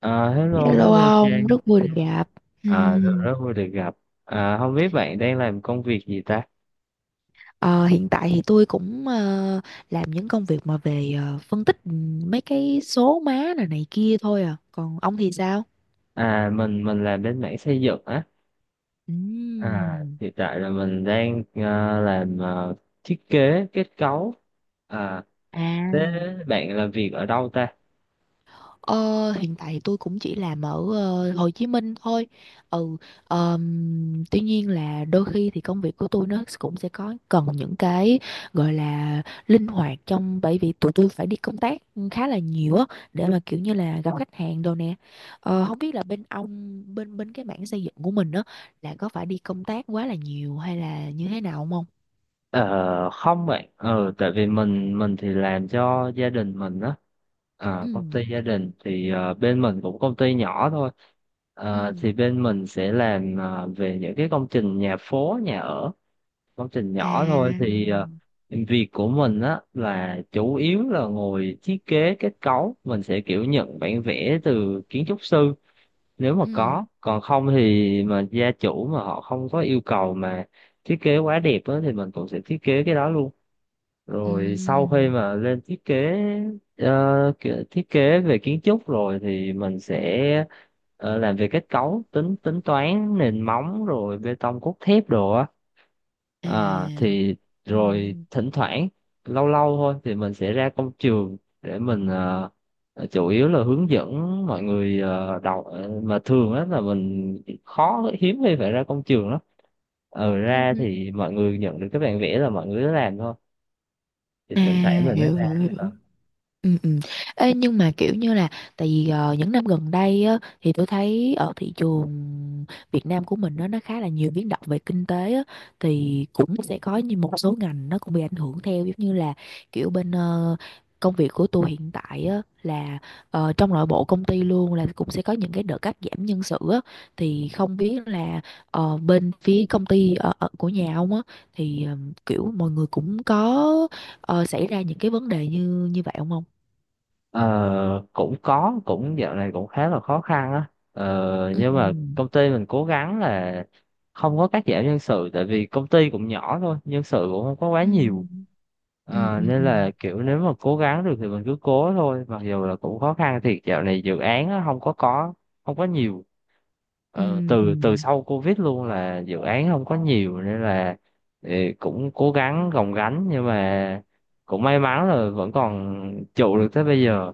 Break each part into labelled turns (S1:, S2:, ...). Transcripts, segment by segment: S1: À, hello,
S2: Hello
S1: hello
S2: ông,
S1: Trang.
S2: rất vui được gặp.
S1: À, rất
S2: Ừm,
S1: rất vui được gặp. À, không biết bạn đang làm công việc gì ta?
S2: ờ, hiện tại thì tôi cũng làm những công việc mà về phân tích mấy cái số má này này kia thôi à. Còn ông thì sao?
S1: À, mình làm bên mảng xây dựng á. À,
S2: Ừm.
S1: hiện tại là mình đang làm thiết kế kết cấu. À, thế
S2: À.
S1: bạn làm việc ở đâu ta?
S2: Ờ, hiện tại thì tôi cũng chỉ làm ở Hồ Chí Minh thôi. Ừ, tuy nhiên là đôi khi thì công việc của tôi nó cũng sẽ có cần những cái gọi là linh hoạt trong bởi vì tụi tôi phải đi công tác khá là nhiều á để mà kiểu như là gặp khách hàng đồ nè. Ờ, không biết là bên ông bên bên cái mảng xây dựng của mình đó là có phải đi công tác quá là nhiều hay là như thế nào không, ông?
S1: Ờ, không bạn. Ờ, tại vì mình thì làm cho gia đình mình á. À, công
S2: Ừ,
S1: ty gia đình thì bên mình cũng công ty nhỏ thôi.
S2: ừ,
S1: Ờ, thì bên mình sẽ làm về những cái công trình nhà phố, nhà ở. Công trình
S2: à,
S1: nhỏ thôi thì việc của mình á là chủ yếu là ngồi thiết kế kết cấu, mình sẽ kiểu nhận bản vẽ từ kiến trúc sư nếu mà
S2: ừ,
S1: có, còn không thì mà gia chủ mà họ không có yêu cầu mà thiết kế quá đẹp á thì mình cũng sẽ thiết kế cái đó luôn.
S2: ừ,
S1: Rồi sau khi mà lên thiết kế kiểu thiết kế về kiến trúc rồi thì mình sẽ làm về kết cấu, tính tính toán nền móng rồi bê tông cốt thép đồ á. À,
S2: à.
S1: thì
S2: Ừ,
S1: Rồi thỉnh thoảng lâu lâu thôi thì mình sẽ ra công trường để mình chủ yếu là hướng dẫn mọi người đọc. À, mà thường á là mình hiếm khi phải ra công trường lắm. ờ
S2: ừ,
S1: ra
S2: ừ.
S1: thì mọi người nhận được cái bản vẽ là mọi người cứ làm thôi, thì
S2: À,
S1: thỉnh thoảng mình mới
S2: hiểu
S1: ra
S2: hiểu
S1: ờ.
S2: hiểu. Ừ, ừ. Ê, nhưng mà kiểu như là tại vì những năm gần đây á, thì tôi thấy ở thị trường Việt Nam của mình nó khá là nhiều biến động về kinh tế á, thì cũng sẽ có như một số ngành nó cũng bị ảnh hưởng theo giống như là kiểu bên công việc của tôi hiện tại á, là trong nội bộ công ty luôn là cũng sẽ có những cái đợt cắt giảm nhân sự á, thì không biết là bên phía công ty ở của nhà ông á thì kiểu mọi người cũng có xảy ra những cái vấn đề như như vậy không ông?
S1: Ờ, cũng có, dạo này cũng khá là khó khăn á, nhưng mà
S2: Ừm,
S1: công ty mình cố gắng là không có cắt giảm nhân sự, tại vì công ty cũng nhỏ thôi, nhân sự cũng không có quá nhiều.
S2: ừm, ừm,
S1: Ờ,
S2: ừm,
S1: nên
S2: ừm,
S1: là kiểu nếu mà cố gắng được thì mình cứ cố thôi, mặc dù là cũng khó khăn thiệt. Dạo này dự án á, không có nhiều. Ờ,
S2: ừm,
S1: từ từ
S2: ừm.
S1: sau Covid luôn là dự án không có nhiều, nên là ờ, cũng cố gắng gồng gánh, nhưng mà cũng may mắn là vẫn còn trụ được tới bây giờ.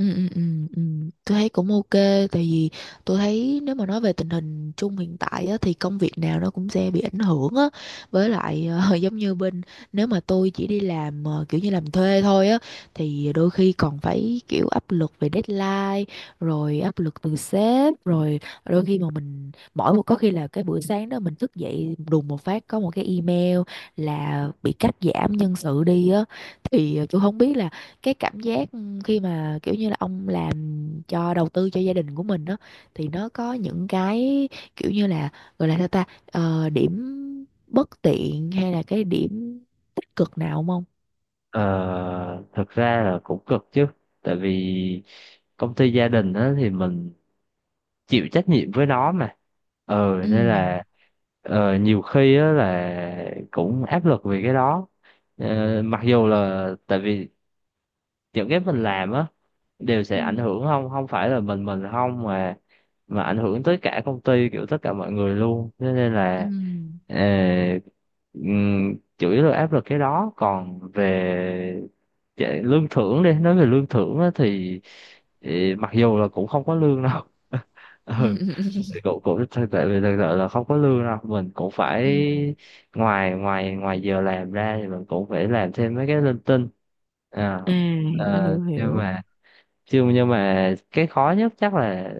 S2: Ừ, ừ, ừ, ừ. Tôi thấy cũng ok, tại vì tôi thấy nếu mà nói về tình hình chung hiện tại á, thì công việc nào nó cũng sẽ bị ảnh hưởng á, với lại giống như bên nếu mà tôi chỉ đi làm kiểu như làm thuê thôi á thì đôi khi còn phải kiểu áp lực về deadline, rồi áp lực từ sếp rồi đôi khi mà mình mỗi một có khi là cái buổi sáng đó mình thức dậy đùng một phát có một cái email là bị cắt giảm nhân sự đi á, thì tôi không biết là cái cảm giác khi mà kiểu như là ông làm cho đầu tư cho gia đình của mình đó thì nó có những cái kiểu như là gọi là sao ta. Ờ, điểm bất tiện hay là cái điểm tích cực nào không ông?
S1: Ờ, thực ra là cũng cực chứ, tại vì công ty gia đình á thì mình chịu trách nhiệm với nó mà,
S2: Ừ.
S1: nên là nhiều khi á là cũng áp lực vì cái đó. Ờ, mặc dù là tại vì những cái mình làm á đều sẽ
S2: Ừ.
S1: ảnh hưởng, không không phải là mình không, mà ảnh hưởng tới cả công ty, kiểu tất cả mọi người luôn, thế nên
S2: Ừ.
S1: là ờ, chủ yếu là áp lực cái đó. Còn về lương thưởng, đi nói về lương thưởng á, thì mặc dù là cũng không có lương đâu
S2: Ừ.
S1: ừ,
S2: Ừ, ừ,
S1: thì cũng cũng tại vì thực sự là không có lương đâu, mình cũng phải
S2: ừ.
S1: ngoài ngoài ngoài giờ làm ra thì mình cũng phải làm thêm mấy cái linh tinh. à,
S2: À, hiểu
S1: ờ,
S2: hiểu
S1: nhưng
S2: hiểu.
S1: mà chứ nhưng mà cái khó nhất chắc là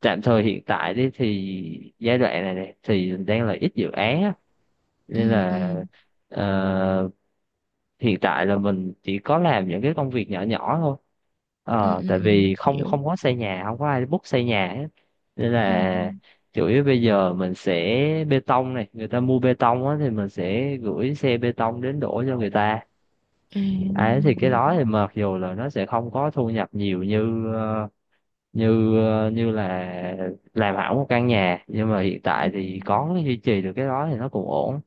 S1: tạm thời hiện tại đi, thì giai đoạn này thì đang là ít dự án á,
S2: Ừ,
S1: nên là
S2: ừ,
S1: ờ, hiện tại là mình chỉ có làm những cái công việc nhỏ nhỏ thôi.
S2: ừ,
S1: Ờ,
S2: ừ,
S1: tại
S2: ừ.
S1: vì không
S2: Hiểu.
S1: không có xây nhà, không có ai book xây nhà hết, nên
S2: Ừ, ừ.
S1: là chủ yếu bây giờ mình sẽ bê tông, này người ta mua bê tông á thì mình sẽ gửi xe bê tông đến đổ cho người ta.
S2: À,
S1: Đấy, thì cái
S2: hiểu.
S1: đó thì mặc dù là nó sẽ không có thu nhập nhiều như như là làm hỏng một căn nhà, nhưng mà hiện
S2: Ừ,
S1: tại
S2: ừ.
S1: thì có duy trì được cái đó thì nó cũng ổn.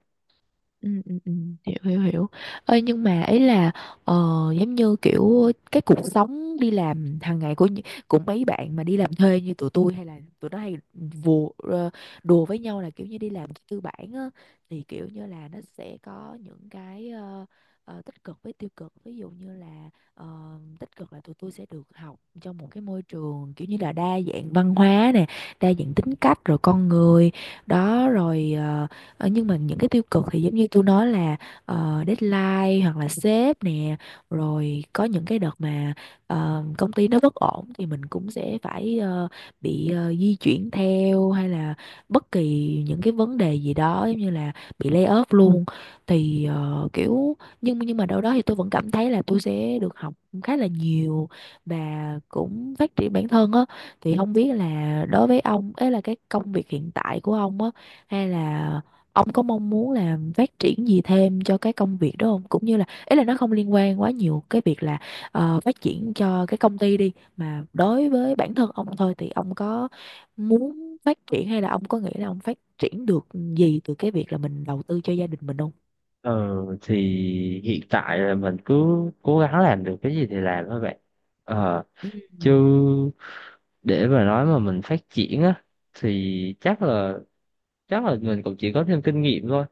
S2: Ừ, ừ, ừ, hiểu hiểu hiểu, ơi nhưng mà ấy là ờ, giống như kiểu cái cuộc sống đi làm hàng ngày của của mấy bạn mà đi làm thuê như tụi tôi hay là tụi nó hay vù, đùa với nhau là kiểu như đi làm tư bản á thì kiểu như là nó sẽ có những cái tích cực với tiêu cực, ví dụ như là tích cực là tụi tôi sẽ được học trong một cái môi trường kiểu như là đa dạng văn hóa nè, đa dạng tính cách rồi con người đó rồi Ờ, nhưng mà những cái tiêu cực thì giống như tôi nói là deadline hoặc là sếp nè, rồi có những cái đợt mà công ty nó bất ổn thì mình cũng sẽ phải bị di chuyển theo hay là bất kỳ những cái vấn đề gì đó giống như là bị lay off luôn. Ừ, thì kiểu nhưng mà đâu đó thì tôi vẫn cảm thấy là tôi sẽ được học khá là nhiều và cũng phát triển bản thân á, thì không biết là đối với ông ấy là cái công việc hiện tại của ông á, hay là ông có mong muốn là phát triển gì thêm cho cái công việc đó không, cũng như là ý là nó không liên quan quá nhiều cái việc là phát triển cho cái công ty đi mà đối với bản thân ông thôi thì ông có muốn phát triển hay là ông có nghĩ là ông phát triển được gì từ cái việc là mình đầu tư cho gia đình mình không?
S1: Ờ thì hiện tại là mình cứ cố gắng làm được cái gì thì làm thôi bạn, ờ
S2: Ừ,
S1: chứ để mà nói mà mình phát triển á thì chắc là, mình cũng chỉ có thêm kinh nghiệm thôi.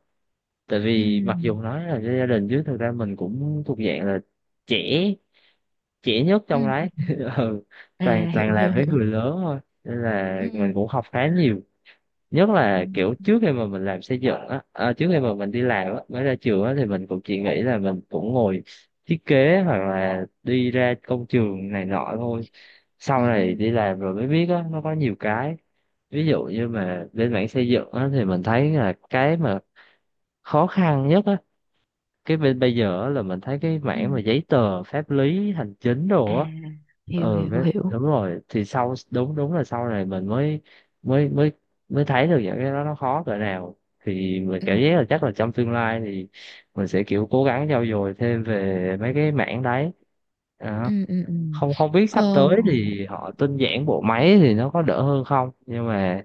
S1: Tại
S2: ừ,
S1: vì mặc dù nói là gia đình chứ thực ra mình cũng thuộc dạng là trẻ, trẻ nhất trong
S2: ừ, ừ.
S1: đấy ừ. toàn
S2: À,
S1: toàn
S2: hiểu hiểu
S1: làm với
S2: hiểu.
S1: người lớn thôi, nên là mình
S2: Ừ,
S1: cũng học khá nhiều. Nhất
S2: ừ,
S1: là kiểu trước khi mà mình làm xây dựng á, trước khi mà mình đi làm á, mới ra trường á thì mình cũng chỉ nghĩ là mình cũng ngồi thiết kế hoặc là đi ra công trường này nọ thôi. Sau
S2: ừ, ừ,
S1: này đi làm rồi mới biết á, nó có nhiều cái, ví dụ như mà bên mảng xây dựng á thì mình thấy là cái mà khó khăn nhất á, cái bên bây giờ á là mình thấy cái
S2: ừ.
S1: mảng mà giấy tờ pháp lý hành chính đồ
S2: À,
S1: á.
S2: hiểu
S1: Ừ,
S2: hiểu
S1: cái
S2: hiểu.
S1: đúng rồi, thì đúng đúng là sau này mình mới mới mới mới thấy được những cái đó nó khó cỡ nào. Thì mình
S2: Ừ,
S1: cảm giác là chắc là trong tương lai thì mình sẽ kiểu cố gắng trau dồi thêm về mấy cái mảng đấy. Đó.
S2: ừ, ừ, ừ.
S1: Không không biết
S2: Ờ.
S1: sắp tới thì họ tinh giản bộ máy thì nó có đỡ hơn không, nhưng mà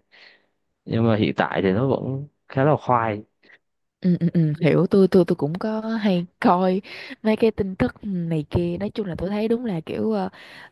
S1: hiện tại thì nó vẫn khá là khoai.
S2: Ừ, ừ, ừ, hiểu, tôi cũng có hay coi mấy cái tin tức này kia, nói chung là tôi thấy đúng là kiểu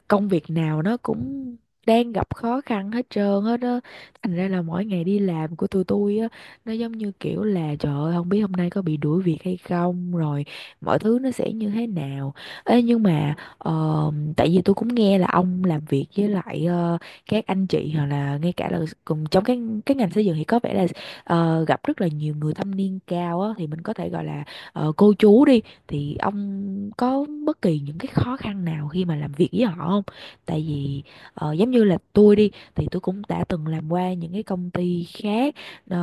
S2: công việc nào nó cũng đang gặp khó khăn hết trơn hết á, thành ra là mỗi ngày đi làm của tụi tôi á nó giống như kiểu là trời ơi không biết hôm nay có bị đuổi việc hay không rồi mọi thứ nó sẽ như thế nào. Ê, nhưng mà tại vì tôi cũng nghe là ông làm việc với lại các anh chị hoặc là ngay cả là cùng trong cái ngành xây dựng thì có vẻ là gặp rất là nhiều người thâm niên cao á, thì mình có thể gọi là cô chú đi, thì ông có bất kỳ những cái khó khăn nào khi mà làm việc với họ không? Tại vì giống như là tôi đi thì tôi cũng đã từng làm qua những cái công ty khác,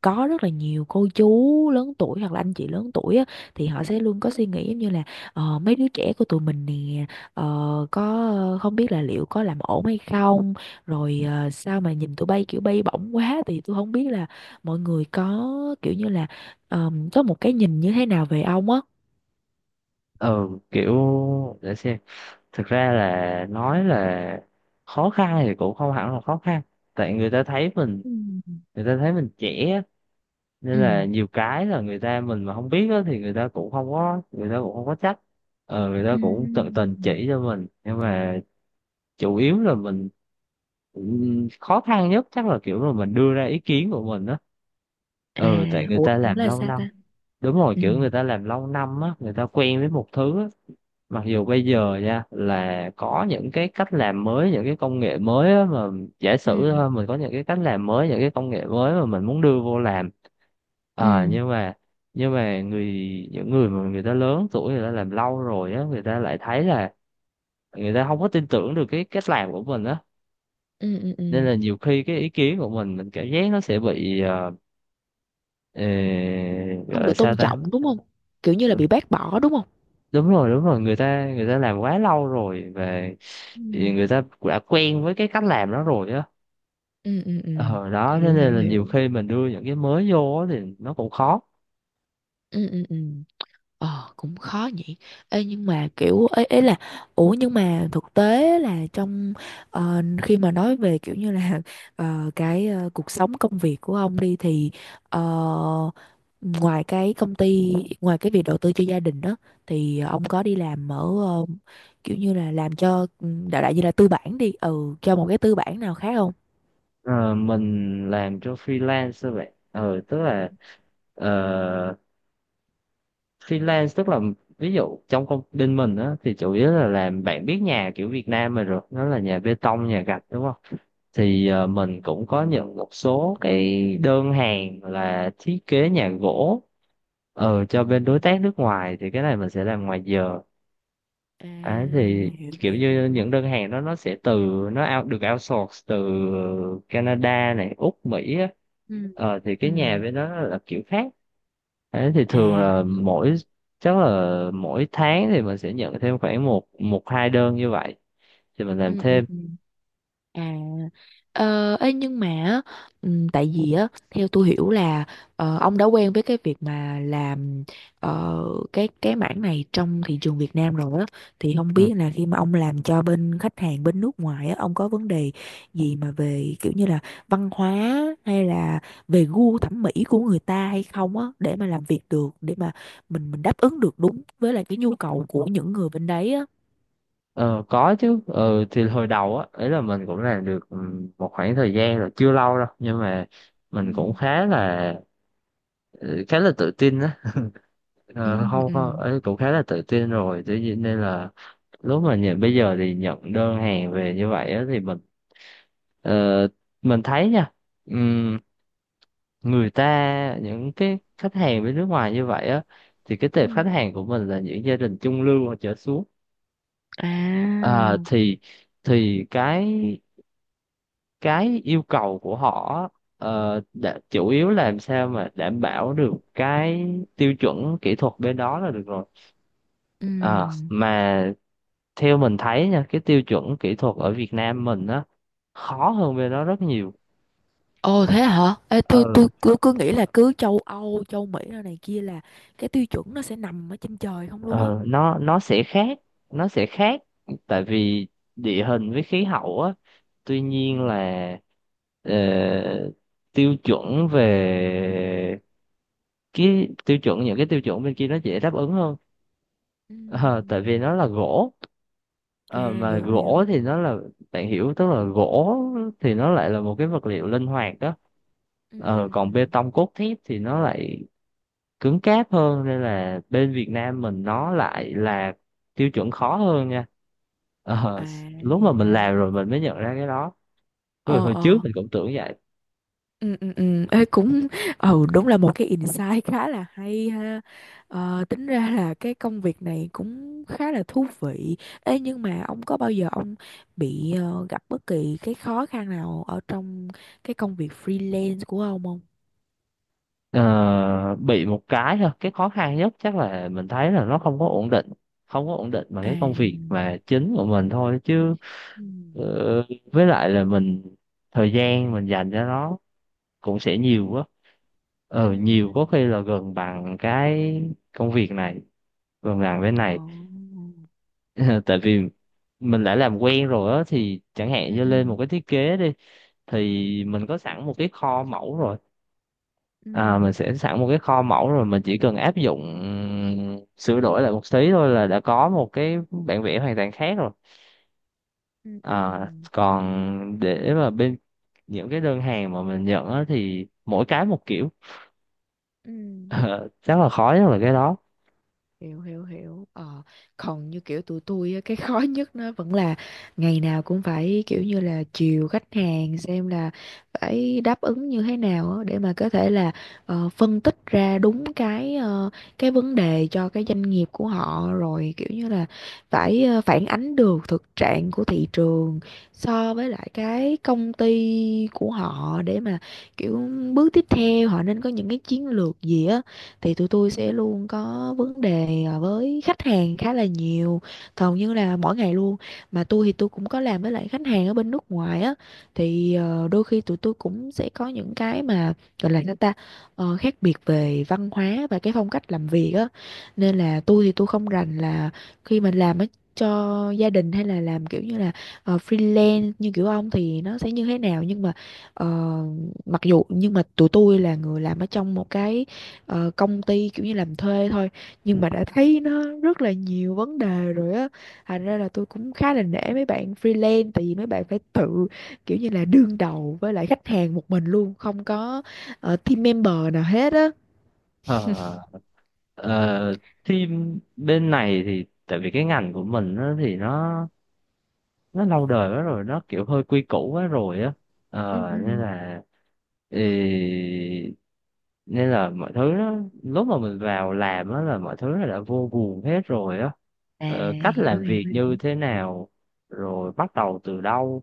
S2: có rất là nhiều cô chú lớn tuổi hoặc là anh chị lớn tuổi á, thì họ sẽ luôn có suy nghĩ giống như là mấy đứa trẻ của tụi mình nè, có không biết là liệu có làm ổn hay không, rồi sao mà nhìn tụi bay kiểu bay bổng quá, thì tôi không biết là mọi người có kiểu như là có một cái nhìn như thế nào về ông á.
S1: Ừ, kiểu để xem, thực ra là nói là khó khăn thì cũng không hẳn là khó khăn, tại
S2: Ừ.
S1: người ta thấy mình trẻ á, nên
S2: Ừ.
S1: là nhiều cái là người ta, mình mà không biết á, thì người ta cũng không có người ta cũng không có trách, người ta
S2: Ừ.
S1: cũng tận tình chỉ cho mình, nhưng mà chủ yếu là mình khó khăn nhất chắc là kiểu là mình đưa ra ý kiến của mình á.
S2: À,
S1: Ừ, tại người
S2: ủa,
S1: ta
S2: ủa
S1: làm
S2: là
S1: lâu
S2: sao
S1: năm,
S2: ta?
S1: đúng rồi,
S2: Ừ.
S1: kiểu người ta làm lâu năm á, người ta quen với một thứ á, mặc dù bây giờ nha là có những cái cách làm mới, những cái công nghệ mới á, mà giả
S2: Ừ.
S1: sử thôi, mình có những cái cách làm mới, những cái công nghệ mới mà mình muốn đưa vô làm, à,
S2: Ừ.
S1: nhưng mà nhưng mà người những người mà người ta lớn tuổi, người ta làm lâu rồi á, người ta lại thấy là người ta không có tin tưởng được cái cách làm của mình á,
S2: Ừ, ừ,
S1: nên
S2: ừ.
S1: là nhiều khi cái ý kiến của mình cảm giác nó sẽ bị ờ, gọi
S2: Không được
S1: là sao
S2: tôn
S1: ta,
S2: trọng đúng không? Kiểu như là bị bác bỏ đúng không?
S1: đúng rồi, đúng rồi, người ta làm quá lâu rồi, và
S2: Ừ.
S1: thì người ta đã quen với cái cách làm đó rồi á.
S2: Ừ, ừ, ừ.
S1: Ờ đó thế
S2: Hiểu,
S1: nên
S2: hiểu,
S1: là nhiều
S2: hiểu.
S1: khi mình đưa những cái mới vô á thì nó cũng khó.
S2: Ừ, ừ, ừ. Ờ cũng khó nhỉ. Ê, nhưng mà kiểu ấy, ấy là ủa nhưng mà thực tế là trong khi mà nói về kiểu như là cuộc sống công việc của ông đi thì ờ, ngoài cái công ty, ngoài cái việc đầu tư cho gia đình đó thì ông có đi làm ở ờ, kiểu như là làm cho đại đại như là tư bản đi ừ cho một cái tư bản nào khác không?
S1: Ờ, mình làm cho freelance thôi vậy, tức là ờ, freelance tức là, ví dụ trong công ty mình á thì chủ yếu là làm, bạn biết nhà kiểu Việt Nam mình rồi, nó là nhà bê tông, nhà gạch đúng không,
S2: Ừ,
S1: thì mình cũng có nhận một số cái đơn hàng là thiết kế nhà gỗ,
S2: ừ,
S1: cho bên đối tác nước ngoài, thì cái này mình sẽ làm ngoài giờ.
S2: ừ, ừ. Ừ.
S1: Đấy, thì
S2: À, hiểu
S1: kiểu
S2: hiểu
S1: như
S2: hiểu.
S1: những đơn hàng đó nó sẽ từ, nó được outsource từ Canada này, Úc, Mỹ á.
S2: Ừ.
S1: Ờ, thì
S2: Ừ.
S1: cái nhà bên đó là kiểu khác. Đấy, thì
S2: À,
S1: thường là
S2: hiểu.
S1: chắc là mỗi tháng thì mình sẽ nhận thêm khoảng một một hai đơn như vậy thì mình làm
S2: Ừ, ừ,
S1: thêm.
S2: ừ. À, ê, nhưng mà á, tại vì á theo tôi hiểu là ông đã quen với cái việc mà làm ờ, cái mảng này trong thị trường Việt Nam rồi á, thì không
S1: Ừ.
S2: biết là khi mà ông làm cho bên khách hàng bên nước ngoài á ông có vấn đề gì mà về kiểu như là văn hóa hay là về gu thẩm mỹ của người ta hay không á để mà làm việc được, để mà mình đáp ứng được đúng với lại cái nhu cầu của những người bên đấy á.
S1: Ờ, có chứ, ừ, thì hồi đầu á ấy là mình cũng làm được một khoảng thời gian rồi, chưa lâu đâu, nhưng mà
S2: Ừ.
S1: mình cũng khá là, khá là tự tin á,
S2: Ừ,
S1: không không
S2: ừ.
S1: ấy, cũng khá là tự tin rồi tự nhiên, nên là lúc mà nhận bây giờ thì nhận đơn hàng về như vậy á thì ờ, mình thấy nha, ừm, người ta những cái khách hàng bên nước ngoài như vậy á thì cái
S2: Ừ.
S1: tệp khách hàng của mình là những gia đình trung lưu hoặc trở xuống,
S2: À,
S1: thì thì cái cái yêu cầu của họ chủ yếu là làm sao mà đảm bảo được cái tiêu chuẩn kỹ thuật bên đó là được rồi. Ờ,
S2: ừm.
S1: mà theo mình thấy nha, cái tiêu chuẩn kỹ thuật ở Việt Nam mình á khó hơn bên đó rất nhiều.
S2: Ồ thế hả? Ê,
S1: ờ
S2: tôi
S1: Thật.
S2: cứ cứ nghĩ là cứ châu Âu, châu Mỹ rồi này kia là cái tiêu chuẩn nó sẽ nằm ở trên trời không luôn á.
S1: Nó sẽ khác, nó sẽ khác tại vì địa hình với khí hậu á, tuy nhiên
S2: Ừm,
S1: là ờ, tiêu chuẩn về cái tiêu chuẩn những cái tiêu chuẩn bên kia nó dễ đáp ứng hơn. Ờ, tại vì
S2: ừm.
S1: nó là gỗ. Ờ,
S2: À,
S1: mà
S2: hiểu hiểu.
S1: gỗ thì nó là, bạn hiểu, tức là gỗ thì nó lại là một cái vật liệu linh hoạt đó.
S2: Ừ, ừ,
S1: Ờ,
S2: ừ, ừ.
S1: còn bê tông cốt thép thì nó lại cứng cáp hơn, nên là bên Việt Nam mình nó
S2: Ừm.
S1: lại là tiêu chuẩn khó hơn nha. Ờ,
S2: À
S1: lúc
S2: thì
S1: mà
S2: ra
S1: mình
S2: là
S1: làm rồi
S2: vậy.
S1: mình mới nhận ra cái đó, hồi,
S2: Ờ
S1: hồi trước
S2: ờ.
S1: mình cũng tưởng vậy.
S2: Ừ, ừ, ừ. Ê, cũng ừ đúng là một cái insight khá là hay ha, tính ra là cái công việc này cũng khá là thú vị. Ê, nhưng mà ông có bao giờ ông bị gặp bất kỳ cái khó khăn nào ở trong cái công việc freelance của ông không?
S1: Ờ, bị một cái thôi, cái khó khăn nhất chắc là mình thấy là nó không có ổn định, mà
S2: À.
S1: cái công việc mà chính của mình thôi chứ,
S2: Ừ,
S1: ờ, với lại là mình, thời gian mình dành cho nó cũng sẽ nhiều quá,
S2: ừ, ừ.
S1: nhiều, có khi là gần bằng cái công việc này, gần bằng bên
S2: Ồ.
S1: này tại vì mình đã làm quen rồi á, thì chẳng
S2: Ừ,
S1: hạn như
S2: ừ,
S1: lên một cái thiết kế đi thì mình có sẵn một cái kho mẫu rồi,
S2: ừ,
S1: à, mình sẽ sẵn một cái kho mẫu rồi, mình chỉ cần áp dụng, sửa đổi lại một tí thôi là đã có một cái bản vẽ hoàn toàn khác rồi.
S2: ừ, ừ, ừ,
S1: À, còn để mà bên những cái đơn hàng mà mình nhận á, thì mỗi cái một kiểu
S2: ừ
S1: Ờ, chắc là khó nhất là cái đó.
S2: hiểu hiểu hiểu. Ờ, còn như kiểu tụi tôi á, cái khó nhất nó vẫn là ngày nào cũng phải kiểu như là chiều khách hàng xem là phải đáp ứng như thế nào á, để mà có thể là phân tích ra đúng cái vấn đề cho cái doanh nghiệp của họ rồi kiểu như là phải phản ánh được thực trạng của thị trường so với lại cái công ty của họ để mà kiểu bước tiếp theo họ nên có những cái chiến lược gì á, thì tụi tôi sẽ luôn có vấn đề à, với khách hàng khá là nhiều, hầu như là mỗi ngày luôn. Mà tôi thì tôi cũng có làm với lại khách hàng ở bên nước ngoài á, thì đôi khi tụi tôi cũng sẽ có những cái mà gọi là sao ta. Ờ, khác biệt về văn hóa và cái phong cách làm việc á, nên là tôi thì tôi không rành là khi mình làm á cho gia đình hay là làm kiểu như là freelance như kiểu ông thì nó sẽ như thế nào, nhưng mà ờ, mặc dù nhưng mà tụi tôi là người làm ở trong một cái công ty kiểu như làm thuê thôi, nhưng mà đã thấy nó rất là nhiều vấn đề rồi á, thành ra là tôi cũng khá là nể mấy bạn freelance tại vì mấy bạn phải tự kiểu như là đương đầu với lại khách hàng một mình luôn, không có team member nào hết á.
S1: Ờ, ờ, team bên này thì tại vì cái ngành của mình á thì nó, lâu đời quá rồi, nó kiểu hơi quy củ quá rồi á,
S2: Ừ,
S1: ờ nên
S2: ừ.
S1: là ừ, nên là mọi thứ nó, lúc mà mình vào làm á là mọi thứ nó đã vô guồng hết rồi á,
S2: À,
S1: cách
S2: hiểu
S1: làm
S2: hiểu
S1: việc như
S2: hiểu.
S1: thế nào, rồi bắt đầu từ đâu.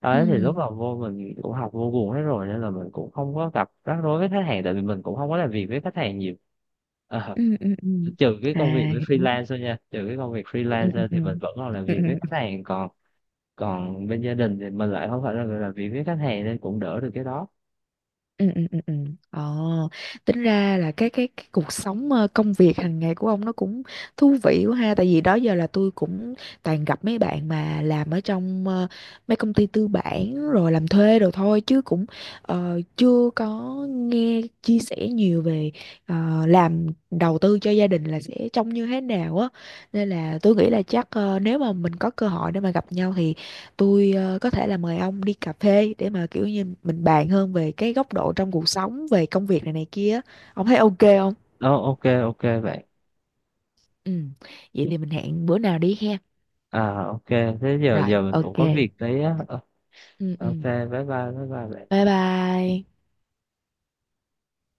S1: Đấy, thì lúc
S2: Ừ,
S1: vào vô mình cũng học vô guồng hết rồi, nên là mình cũng không có gặp rắc rối với khách hàng, tại vì mình cũng không có làm việc với khách hàng nhiều. Ờ,
S2: ừ, ừ, ừ, ừ.
S1: trừ cái công việc
S2: À,
S1: với
S2: hiểu.
S1: freelance thôi nha, trừ cái công việc
S2: Ừ,
S1: freelance
S2: ừ,
S1: ra
S2: ừ.
S1: thì mình vẫn còn làm
S2: Ừ.
S1: việc với khách hàng, còn còn bên gia đình thì mình lại không phải là người làm việc với khách hàng, nên cũng đỡ được cái đó.
S2: Ừ, ừ, ừ, ừ. Ờ, tính ra là cái cuộc sống công việc hàng ngày của ông nó cũng thú vị quá ha, tại vì đó giờ là tôi cũng toàn gặp mấy bạn mà làm ở trong mấy công ty tư bản rồi làm thuê đồ thôi chứ cũng chưa có nghe chia sẻ nhiều về làm đầu tư cho gia đình là sẽ trông như thế nào á, nên là tôi nghĩ là chắc nếu mà mình có cơ hội để mà gặp nhau thì tôi có thể là mời ông đi cà phê để mà kiểu như mình bàn hơn về cái góc độ trong cuộc sống về công việc này này kia. Ông thấy ok không?
S1: Ờ, ok ok bạn.
S2: Ừ, vậy thì mình hẹn bữa nào đi ha.
S1: À, ok, thế giờ,
S2: Rồi
S1: mình
S2: ok.
S1: cũng có việc đấy á. Ờ,
S2: Ừ,
S1: ok,
S2: ừ,
S1: bye bye, bye bye bạn.
S2: bye bye.